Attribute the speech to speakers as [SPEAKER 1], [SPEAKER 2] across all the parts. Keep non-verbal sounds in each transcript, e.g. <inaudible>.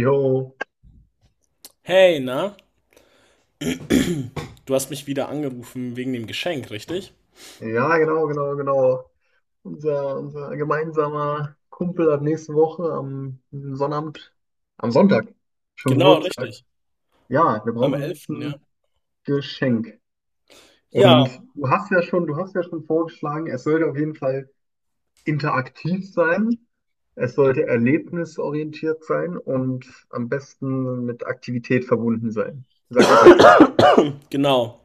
[SPEAKER 1] Jo,
[SPEAKER 2] Hey, na? Du hast mich wieder angerufen wegen dem Geschenk, richtig?
[SPEAKER 1] ja, genau, genau, genau. Unser gemeinsamer Kumpel hat nächste Woche am Sonnabend, am Sonntag schon
[SPEAKER 2] Genau,
[SPEAKER 1] Geburtstag.
[SPEAKER 2] richtig.
[SPEAKER 1] Ja, wir
[SPEAKER 2] Am
[SPEAKER 1] brauchen jetzt
[SPEAKER 2] elften, ja.
[SPEAKER 1] ein Geschenk.
[SPEAKER 2] Ja,
[SPEAKER 1] Und du hast ja schon vorgeschlagen, es sollte auf jeden Fall interaktiv sein. Es sollte erlebnisorientiert sein und am besten mit Aktivität verbunden sein, sag ich jetzt mal.
[SPEAKER 2] genau.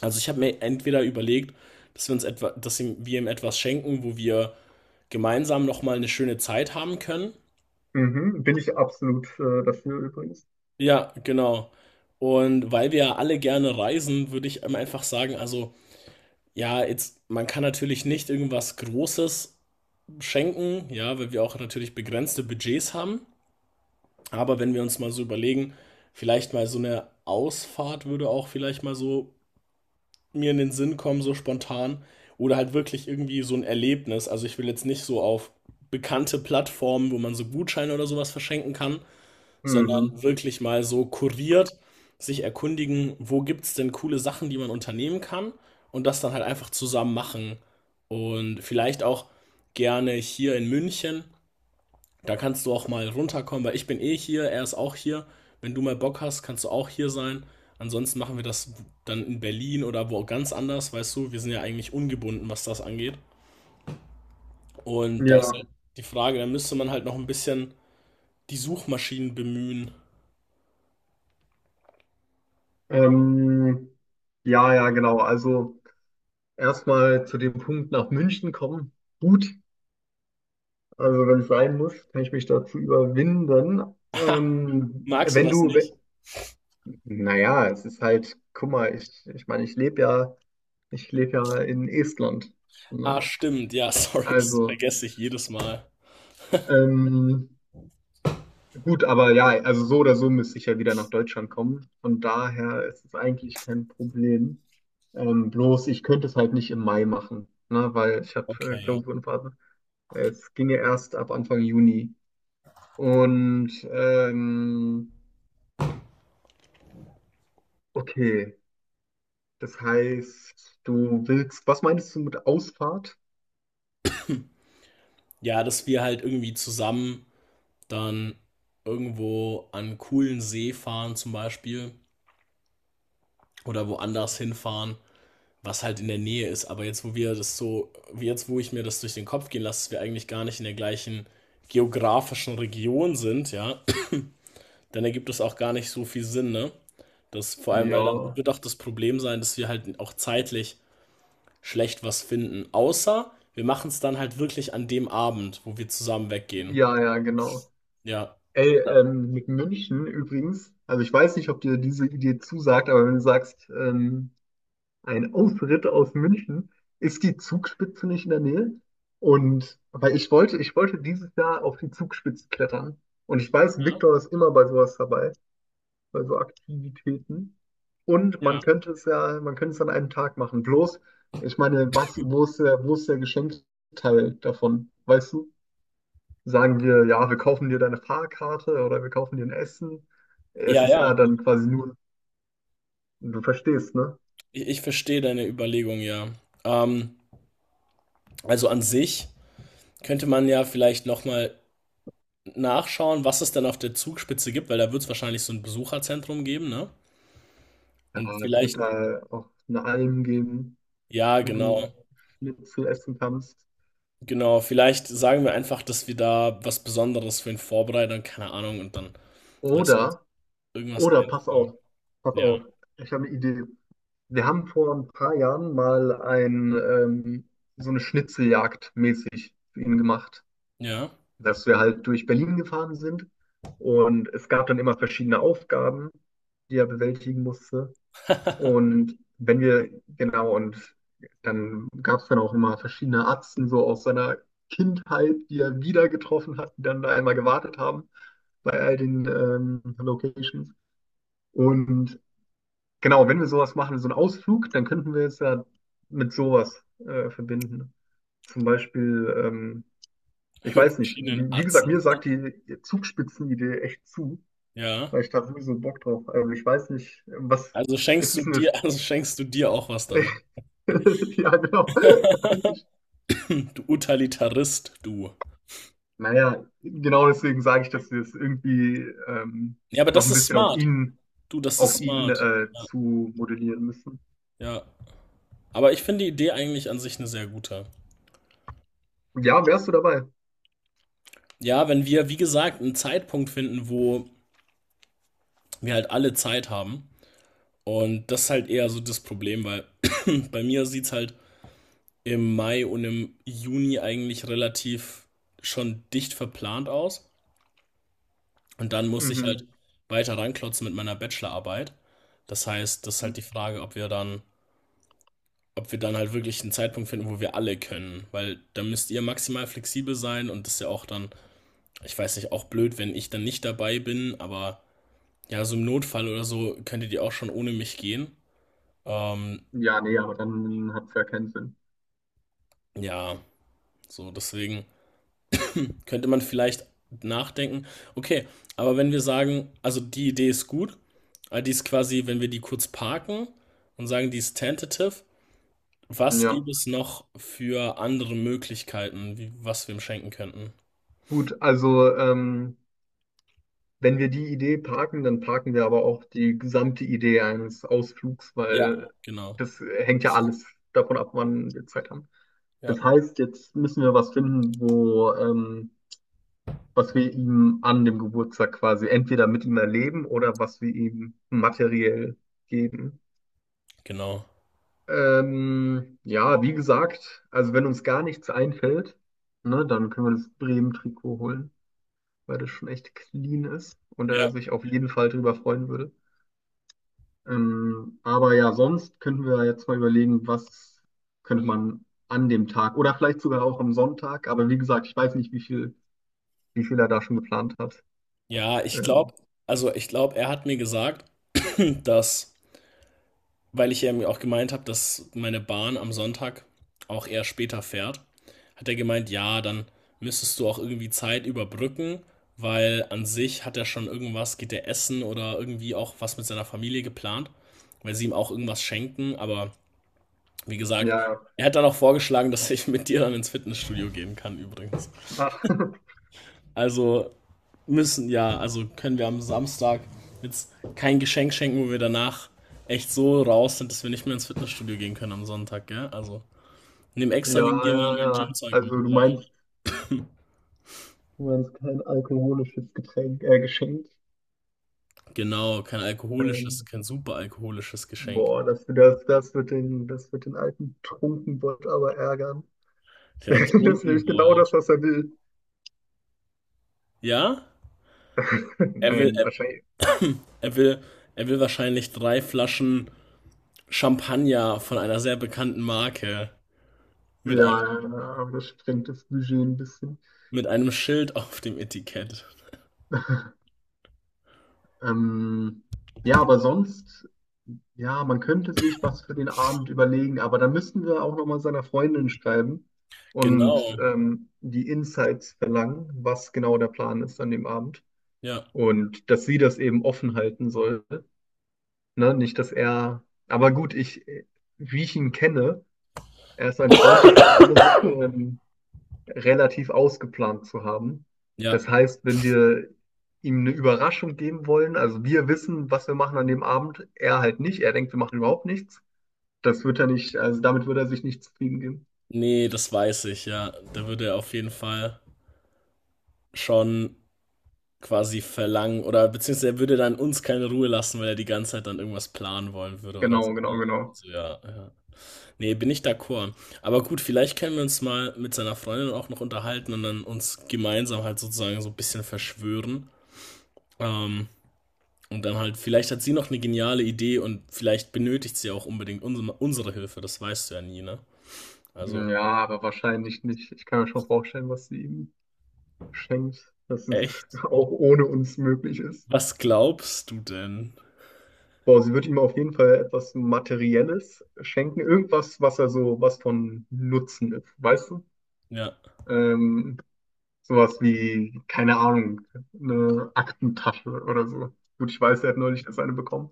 [SPEAKER 2] Also ich habe mir entweder überlegt, dass wir ihm etwas schenken, wo wir gemeinsam nochmal eine schöne Zeit haben können.
[SPEAKER 1] Mhm, bin ich absolut dafür übrigens.
[SPEAKER 2] Ja, genau. Und weil wir ja alle gerne reisen, würde ich ihm einfach sagen, also ja, jetzt, man kann natürlich nicht irgendwas Großes schenken, ja, weil wir auch natürlich begrenzte Budgets haben. Aber wenn wir uns mal so überlegen, vielleicht mal so eine Ausfahrt würde auch vielleicht mal so mir in den Sinn kommen, so spontan. Oder halt wirklich irgendwie so ein Erlebnis. Also ich will jetzt nicht so auf bekannte Plattformen, wo man so Gutscheine oder sowas verschenken kann, sondern
[SPEAKER 1] Mhm.
[SPEAKER 2] wirklich mal so kuriert sich erkundigen, wo gibt es denn coole Sachen, die man unternehmen kann, und das dann halt einfach zusammen machen. Und vielleicht auch gerne hier in München. Da kannst du auch mal runterkommen, weil ich bin eh hier, er ist auch hier. Wenn du mal Bock hast, kannst du auch hier sein. Ansonsten machen wir das dann in Berlin oder wo ganz anders, weißt du. Wir sind ja eigentlich ungebunden, was das angeht. Und da ist
[SPEAKER 1] Ja.
[SPEAKER 2] halt die Frage, da müsste man halt noch ein bisschen die Suchmaschinen bemühen.
[SPEAKER 1] Ähm, ja, ja, genau. Also erstmal zu dem Punkt nach München kommen. Gut, also wenn es sein muss, kann ich mich dazu überwinden.
[SPEAKER 2] <laughs> Magst du
[SPEAKER 1] Wenn
[SPEAKER 2] das
[SPEAKER 1] du,
[SPEAKER 2] nicht?
[SPEAKER 1] naja, es ist halt, guck mal, ich meine, ich lebe ja in Estland.
[SPEAKER 2] Ah,
[SPEAKER 1] Ne?
[SPEAKER 2] stimmt, ja, <laughs> sorry, das
[SPEAKER 1] Also,
[SPEAKER 2] vergesse ich jedes Mal.
[SPEAKER 1] ähm, gut, aber ja, also so oder so müsste ich ja wieder nach Deutschland kommen. Von daher ist es eigentlich kein Problem. Bloß ich könnte es halt nicht im Mai machen, ne, weil ich habe
[SPEAKER 2] Okay, ja.
[SPEAKER 1] Klausurenphase. Es ginge erst ab Anfang Juni. Und okay, das heißt, du willst, was meinst du mit Ausfahrt?
[SPEAKER 2] Ja, dass wir halt irgendwie zusammen dann irgendwo an einen coolen See fahren zum Beispiel oder woanders hinfahren, was halt in der Nähe ist. Aber jetzt, wo ich mir das durch den Kopf gehen lasse, dass wir eigentlich gar nicht in der gleichen geografischen Region sind, ja, dann ergibt es auch gar nicht so viel Sinn, ne? Das, vor allem, weil dann
[SPEAKER 1] Ja,
[SPEAKER 2] wird auch das Problem sein, dass wir halt auch zeitlich schlecht was finden. Außer wir machen es dann halt wirklich an dem Abend, wo wir zusammen weggehen.
[SPEAKER 1] ja, ja, genau.
[SPEAKER 2] Ja.
[SPEAKER 1] Ey,
[SPEAKER 2] Da-
[SPEAKER 1] mit München übrigens, also ich weiß nicht, ob dir diese Idee zusagt, aber wenn du sagst, ein Ausritt aus München. Ist die Zugspitze nicht in der Nähe? Und weil ich wollte dieses Jahr auf die Zugspitze klettern. Und ich weiß,
[SPEAKER 2] Ja,
[SPEAKER 1] Viktor ist immer bei sowas dabei, bei so Aktivitäten. Und man
[SPEAKER 2] ja.
[SPEAKER 1] könnte es ja, man könnte es an einem Tag machen. Bloß, ich meine, was, wo ist der Geschenkteil davon? Weißt du? Sagen wir, ja, wir kaufen dir deine Fahrkarte oder wir kaufen dir ein Essen. Es
[SPEAKER 2] Ja,
[SPEAKER 1] ist
[SPEAKER 2] ja.
[SPEAKER 1] ja dann quasi nur, du verstehst, ne?
[SPEAKER 2] Ich verstehe deine Überlegung, ja. Ähm, also an sich könnte man ja vielleicht nochmal nachschauen, was es denn auf der Zugspitze gibt, weil da wird es wahrscheinlich so ein Besucherzentrum geben, ne?
[SPEAKER 1] Ja,
[SPEAKER 2] Und
[SPEAKER 1] es wird
[SPEAKER 2] vielleicht,
[SPEAKER 1] da auch eine Alm geben,
[SPEAKER 2] ja,
[SPEAKER 1] wo
[SPEAKER 2] genau,
[SPEAKER 1] du Schnitzel essen kannst.
[SPEAKER 2] genau, vielleicht sagen wir einfach, dass wir da was Besonderes für ihn vorbereiten, keine Ahnung, und dann lassen wir uns
[SPEAKER 1] Oder,
[SPEAKER 2] irgendwas
[SPEAKER 1] pass auf,
[SPEAKER 2] einfallen.
[SPEAKER 1] pass
[SPEAKER 2] Ja,
[SPEAKER 1] auf, ich habe eine Idee. Wir haben vor ein paar Jahren mal ein, so eine Schnitzeljagd mäßig für ihn gemacht,
[SPEAKER 2] ja.
[SPEAKER 1] dass wir halt durch Berlin gefahren sind und es gab dann immer verschiedene Aufgaben, die er bewältigen musste.
[SPEAKER 2] <laughs>
[SPEAKER 1] Und wenn wir, genau, und dann gab es dann auch immer verschiedene Atzen so aus seiner Kindheit, die er wieder getroffen hat, die dann da einmal gewartet haben bei all den Locations. Und genau, wenn wir sowas machen, so einen Ausflug, dann könnten wir es ja mit sowas verbinden. Zum Beispiel, ich
[SPEAKER 2] Mit
[SPEAKER 1] weiß nicht,
[SPEAKER 2] verschiedenen
[SPEAKER 1] wie gesagt,
[SPEAKER 2] Atzen.
[SPEAKER 1] mir sagt die Zugspitzenidee echt zu,
[SPEAKER 2] Ja.
[SPEAKER 1] weil ich da sowieso Bock drauf. Also ich weiß nicht, was,
[SPEAKER 2] Also schenkst
[SPEAKER 1] ist
[SPEAKER 2] du
[SPEAKER 1] es eine
[SPEAKER 2] dir, <laughs> also schenkst du dir auch was damit.
[SPEAKER 1] <laughs> <laughs> ja, genau. <laughs> Eigentlich.
[SPEAKER 2] <laughs> Du Utilitarist, du.
[SPEAKER 1] Naja, genau deswegen sage ich, dass wir es irgendwie ähm,
[SPEAKER 2] Ja, aber
[SPEAKER 1] noch
[SPEAKER 2] das
[SPEAKER 1] ein
[SPEAKER 2] ist
[SPEAKER 1] bisschen
[SPEAKER 2] smart. Du, das
[SPEAKER 1] auf
[SPEAKER 2] ist
[SPEAKER 1] ihn
[SPEAKER 2] smart. Ja.
[SPEAKER 1] zu modellieren müssen.
[SPEAKER 2] Ja. Aber ich finde die Idee eigentlich an sich eine sehr gute.
[SPEAKER 1] Ja, wärst du dabei?
[SPEAKER 2] Ja, wenn wir, wie gesagt, einen Zeitpunkt finden, wo wir halt alle Zeit haben. Und das ist halt eher so das Problem, weil <clears throat> bei mir sieht es halt im Mai und im Juni eigentlich relativ schon dicht verplant aus. Und dann muss ich halt
[SPEAKER 1] Mhm.
[SPEAKER 2] weiter ranklotzen mit meiner Bachelorarbeit. Das heißt, das ist halt die Frage, ob wir dann halt wirklich einen Zeitpunkt finden, wo wir alle können. Weil da müsst ihr maximal flexibel sein und das ist ja auch dann, ich weiß nicht, auch blöd, wenn ich dann nicht dabei bin, aber ja, so im Notfall oder so könntet ihr auch schon ohne mich gehen. Ähm,
[SPEAKER 1] Ja, nee, aber dann hat es ja keinen Sinn.
[SPEAKER 2] ja, so deswegen könnte man vielleicht nachdenken. Okay, aber wenn wir sagen, also die Idee ist gut, aber die ist quasi, wenn wir die kurz parken und sagen, die ist tentative, was
[SPEAKER 1] Ja,
[SPEAKER 2] gibt es noch für andere Möglichkeiten, wie, was wir ihm schenken könnten?
[SPEAKER 1] gut, also wenn wir die Idee parken, dann parken wir aber auch die gesamte Idee eines Ausflugs, weil
[SPEAKER 2] Ja, genau.
[SPEAKER 1] das hängt ja alles davon ab, wann wir Zeit haben.
[SPEAKER 2] Ja,
[SPEAKER 1] Das heißt, jetzt müssen wir was finden, wo was wir ihm an dem Geburtstag quasi entweder mit ihm erleben oder was wir ihm materiell geben.
[SPEAKER 2] genau.
[SPEAKER 1] Ja, wie gesagt, also wenn uns gar nichts einfällt, ne, dann können wir das Bremen-Trikot holen, weil das schon echt clean ist und er
[SPEAKER 2] Ja,
[SPEAKER 1] sich auf jeden Fall drüber freuen würde. Aber ja, sonst könnten wir jetzt mal überlegen, was könnte man an dem Tag oder vielleicht sogar auch am Sonntag, aber wie gesagt, ich weiß nicht, wie viel er da schon geplant hat.
[SPEAKER 2] ja, ich glaube,
[SPEAKER 1] Ähm,
[SPEAKER 2] also ich glaube, er hat mir gesagt, dass, weil ich ja auch gemeint habe, dass meine Bahn am Sonntag auch eher später fährt, hat er gemeint, ja, dann müsstest du auch irgendwie Zeit überbrücken, weil an sich hat er schon irgendwas, geht er essen oder irgendwie auch was mit seiner Familie geplant, weil sie ihm auch irgendwas schenken. Aber wie gesagt,
[SPEAKER 1] ja, ja.
[SPEAKER 2] er hat dann auch vorgeschlagen, dass ich mit dir dann ins Fitnessstudio gehen kann, übrigens.
[SPEAKER 1] Ach, <laughs>
[SPEAKER 2] Also Müssen, ja. Also können wir am Samstag jetzt kein Geschenk schenken, wo wir danach echt so raus sind, dass wir nicht mehr ins Fitnessstudio gehen können am Sonntag, gell? Also, nimm
[SPEAKER 1] ja,
[SPEAKER 2] extra wegen dir
[SPEAKER 1] ja,
[SPEAKER 2] mal mein
[SPEAKER 1] ja.
[SPEAKER 2] Gymzeug
[SPEAKER 1] Also
[SPEAKER 2] mit.
[SPEAKER 1] du meinst kein alkoholisches Getränk, Geschenk.
[SPEAKER 2] Genau, kein alkoholisches,
[SPEAKER 1] Ein,
[SPEAKER 2] kein super alkoholisches Geschenk.
[SPEAKER 1] boah, das wird den, das wird den alten Trunkenbold aber ärgern. <laughs>
[SPEAKER 2] Der hat
[SPEAKER 1] Das ist
[SPEAKER 2] trinken
[SPEAKER 1] nämlich genau das,
[SPEAKER 2] wollt.
[SPEAKER 1] was er will.
[SPEAKER 2] Ja?
[SPEAKER 1] <laughs>
[SPEAKER 2] Er will,
[SPEAKER 1] Nein,
[SPEAKER 2] er,
[SPEAKER 1] wahrscheinlich.
[SPEAKER 2] er will, er will wahrscheinlich drei Flaschen Champagner von einer sehr bekannten Marke
[SPEAKER 1] Ja,
[SPEAKER 2] mit einem,
[SPEAKER 1] ja, ja, aber das sprengt das Budget ein bisschen.
[SPEAKER 2] mit einem Schild auf dem Etikett.
[SPEAKER 1] Ähm, ja, aber sonst, ja, man könnte sich was für den Abend überlegen, aber dann müssten wir auch nochmal seiner Freundin schreiben und
[SPEAKER 2] Genau.
[SPEAKER 1] die Insights verlangen, was genau der Plan ist an dem Abend.
[SPEAKER 2] Ja.
[SPEAKER 1] Und dass sie das eben offen halten soll. Ne? Nicht, dass er. Aber gut, ich, wie ich ihn kenne, er ist ein Freund davon, alles relativ ausgeplant zu haben.
[SPEAKER 2] Ja.
[SPEAKER 1] Das heißt, wenn wir ihm eine Überraschung geben wollen, also wir wissen, was wir machen an dem Abend, er halt nicht. Er denkt, wir machen überhaupt nichts. Das wird er nicht, also damit wird er sich nicht zufrieden geben.
[SPEAKER 2] Nee, das weiß ich, ja. Da würde er auf jeden Fall schon quasi verlangen oder beziehungsweise er würde dann uns keine Ruhe lassen, weil er die ganze Zeit dann irgendwas planen wollen würde oder so.
[SPEAKER 1] Genau, genau, genau.
[SPEAKER 2] Also, ja, ja. Nee, bin ich d'accord. Aber gut, vielleicht können wir uns mal mit seiner Freundin auch noch unterhalten und dann uns gemeinsam halt sozusagen so ein bisschen verschwören. Ähm, und dann halt, vielleicht hat sie noch eine geniale Idee und vielleicht benötigt sie auch unbedingt unsere Hilfe, das weißt du ja nie, ne? Also,
[SPEAKER 1] Ja, aber wahrscheinlich nicht. Ich kann mir schon vorstellen, was sie ihm schenkt, dass es
[SPEAKER 2] echt?
[SPEAKER 1] <laughs> auch ohne uns möglich ist.
[SPEAKER 2] Was glaubst du denn?
[SPEAKER 1] Boah, sie wird ihm auf jeden Fall etwas Materielles schenken, irgendwas, was er so, was von Nutzen ist, weißt du?
[SPEAKER 2] Ja.
[SPEAKER 1] Ähm, sowas wie, keine Ahnung, eine Aktentasche oder so. Gut, ich weiß, er hat neulich erst eine bekommen.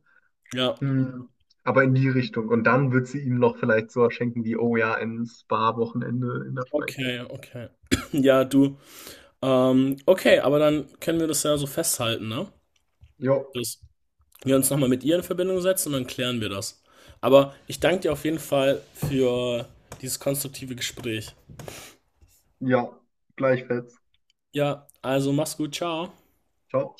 [SPEAKER 2] Ja,
[SPEAKER 1] Hm, aber in die Richtung. Und dann wird sie ihm noch vielleicht sowas schenken wie, oh ja, ein Spa-Wochenende in der Schweiz.
[SPEAKER 2] okay, okay. <clears throat> Ja, du. Okay, aber dann können wir das ja so festhalten, ne?
[SPEAKER 1] Jo,
[SPEAKER 2] Dass wir uns nochmal mit ihr in Verbindung setzen und dann klären wir das. Aber ich danke dir auf jeden Fall für dieses konstruktive Gespräch.
[SPEAKER 1] ja, gleichfalls.
[SPEAKER 2] Ja, also mach's gut, ciao.
[SPEAKER 1] Ciao.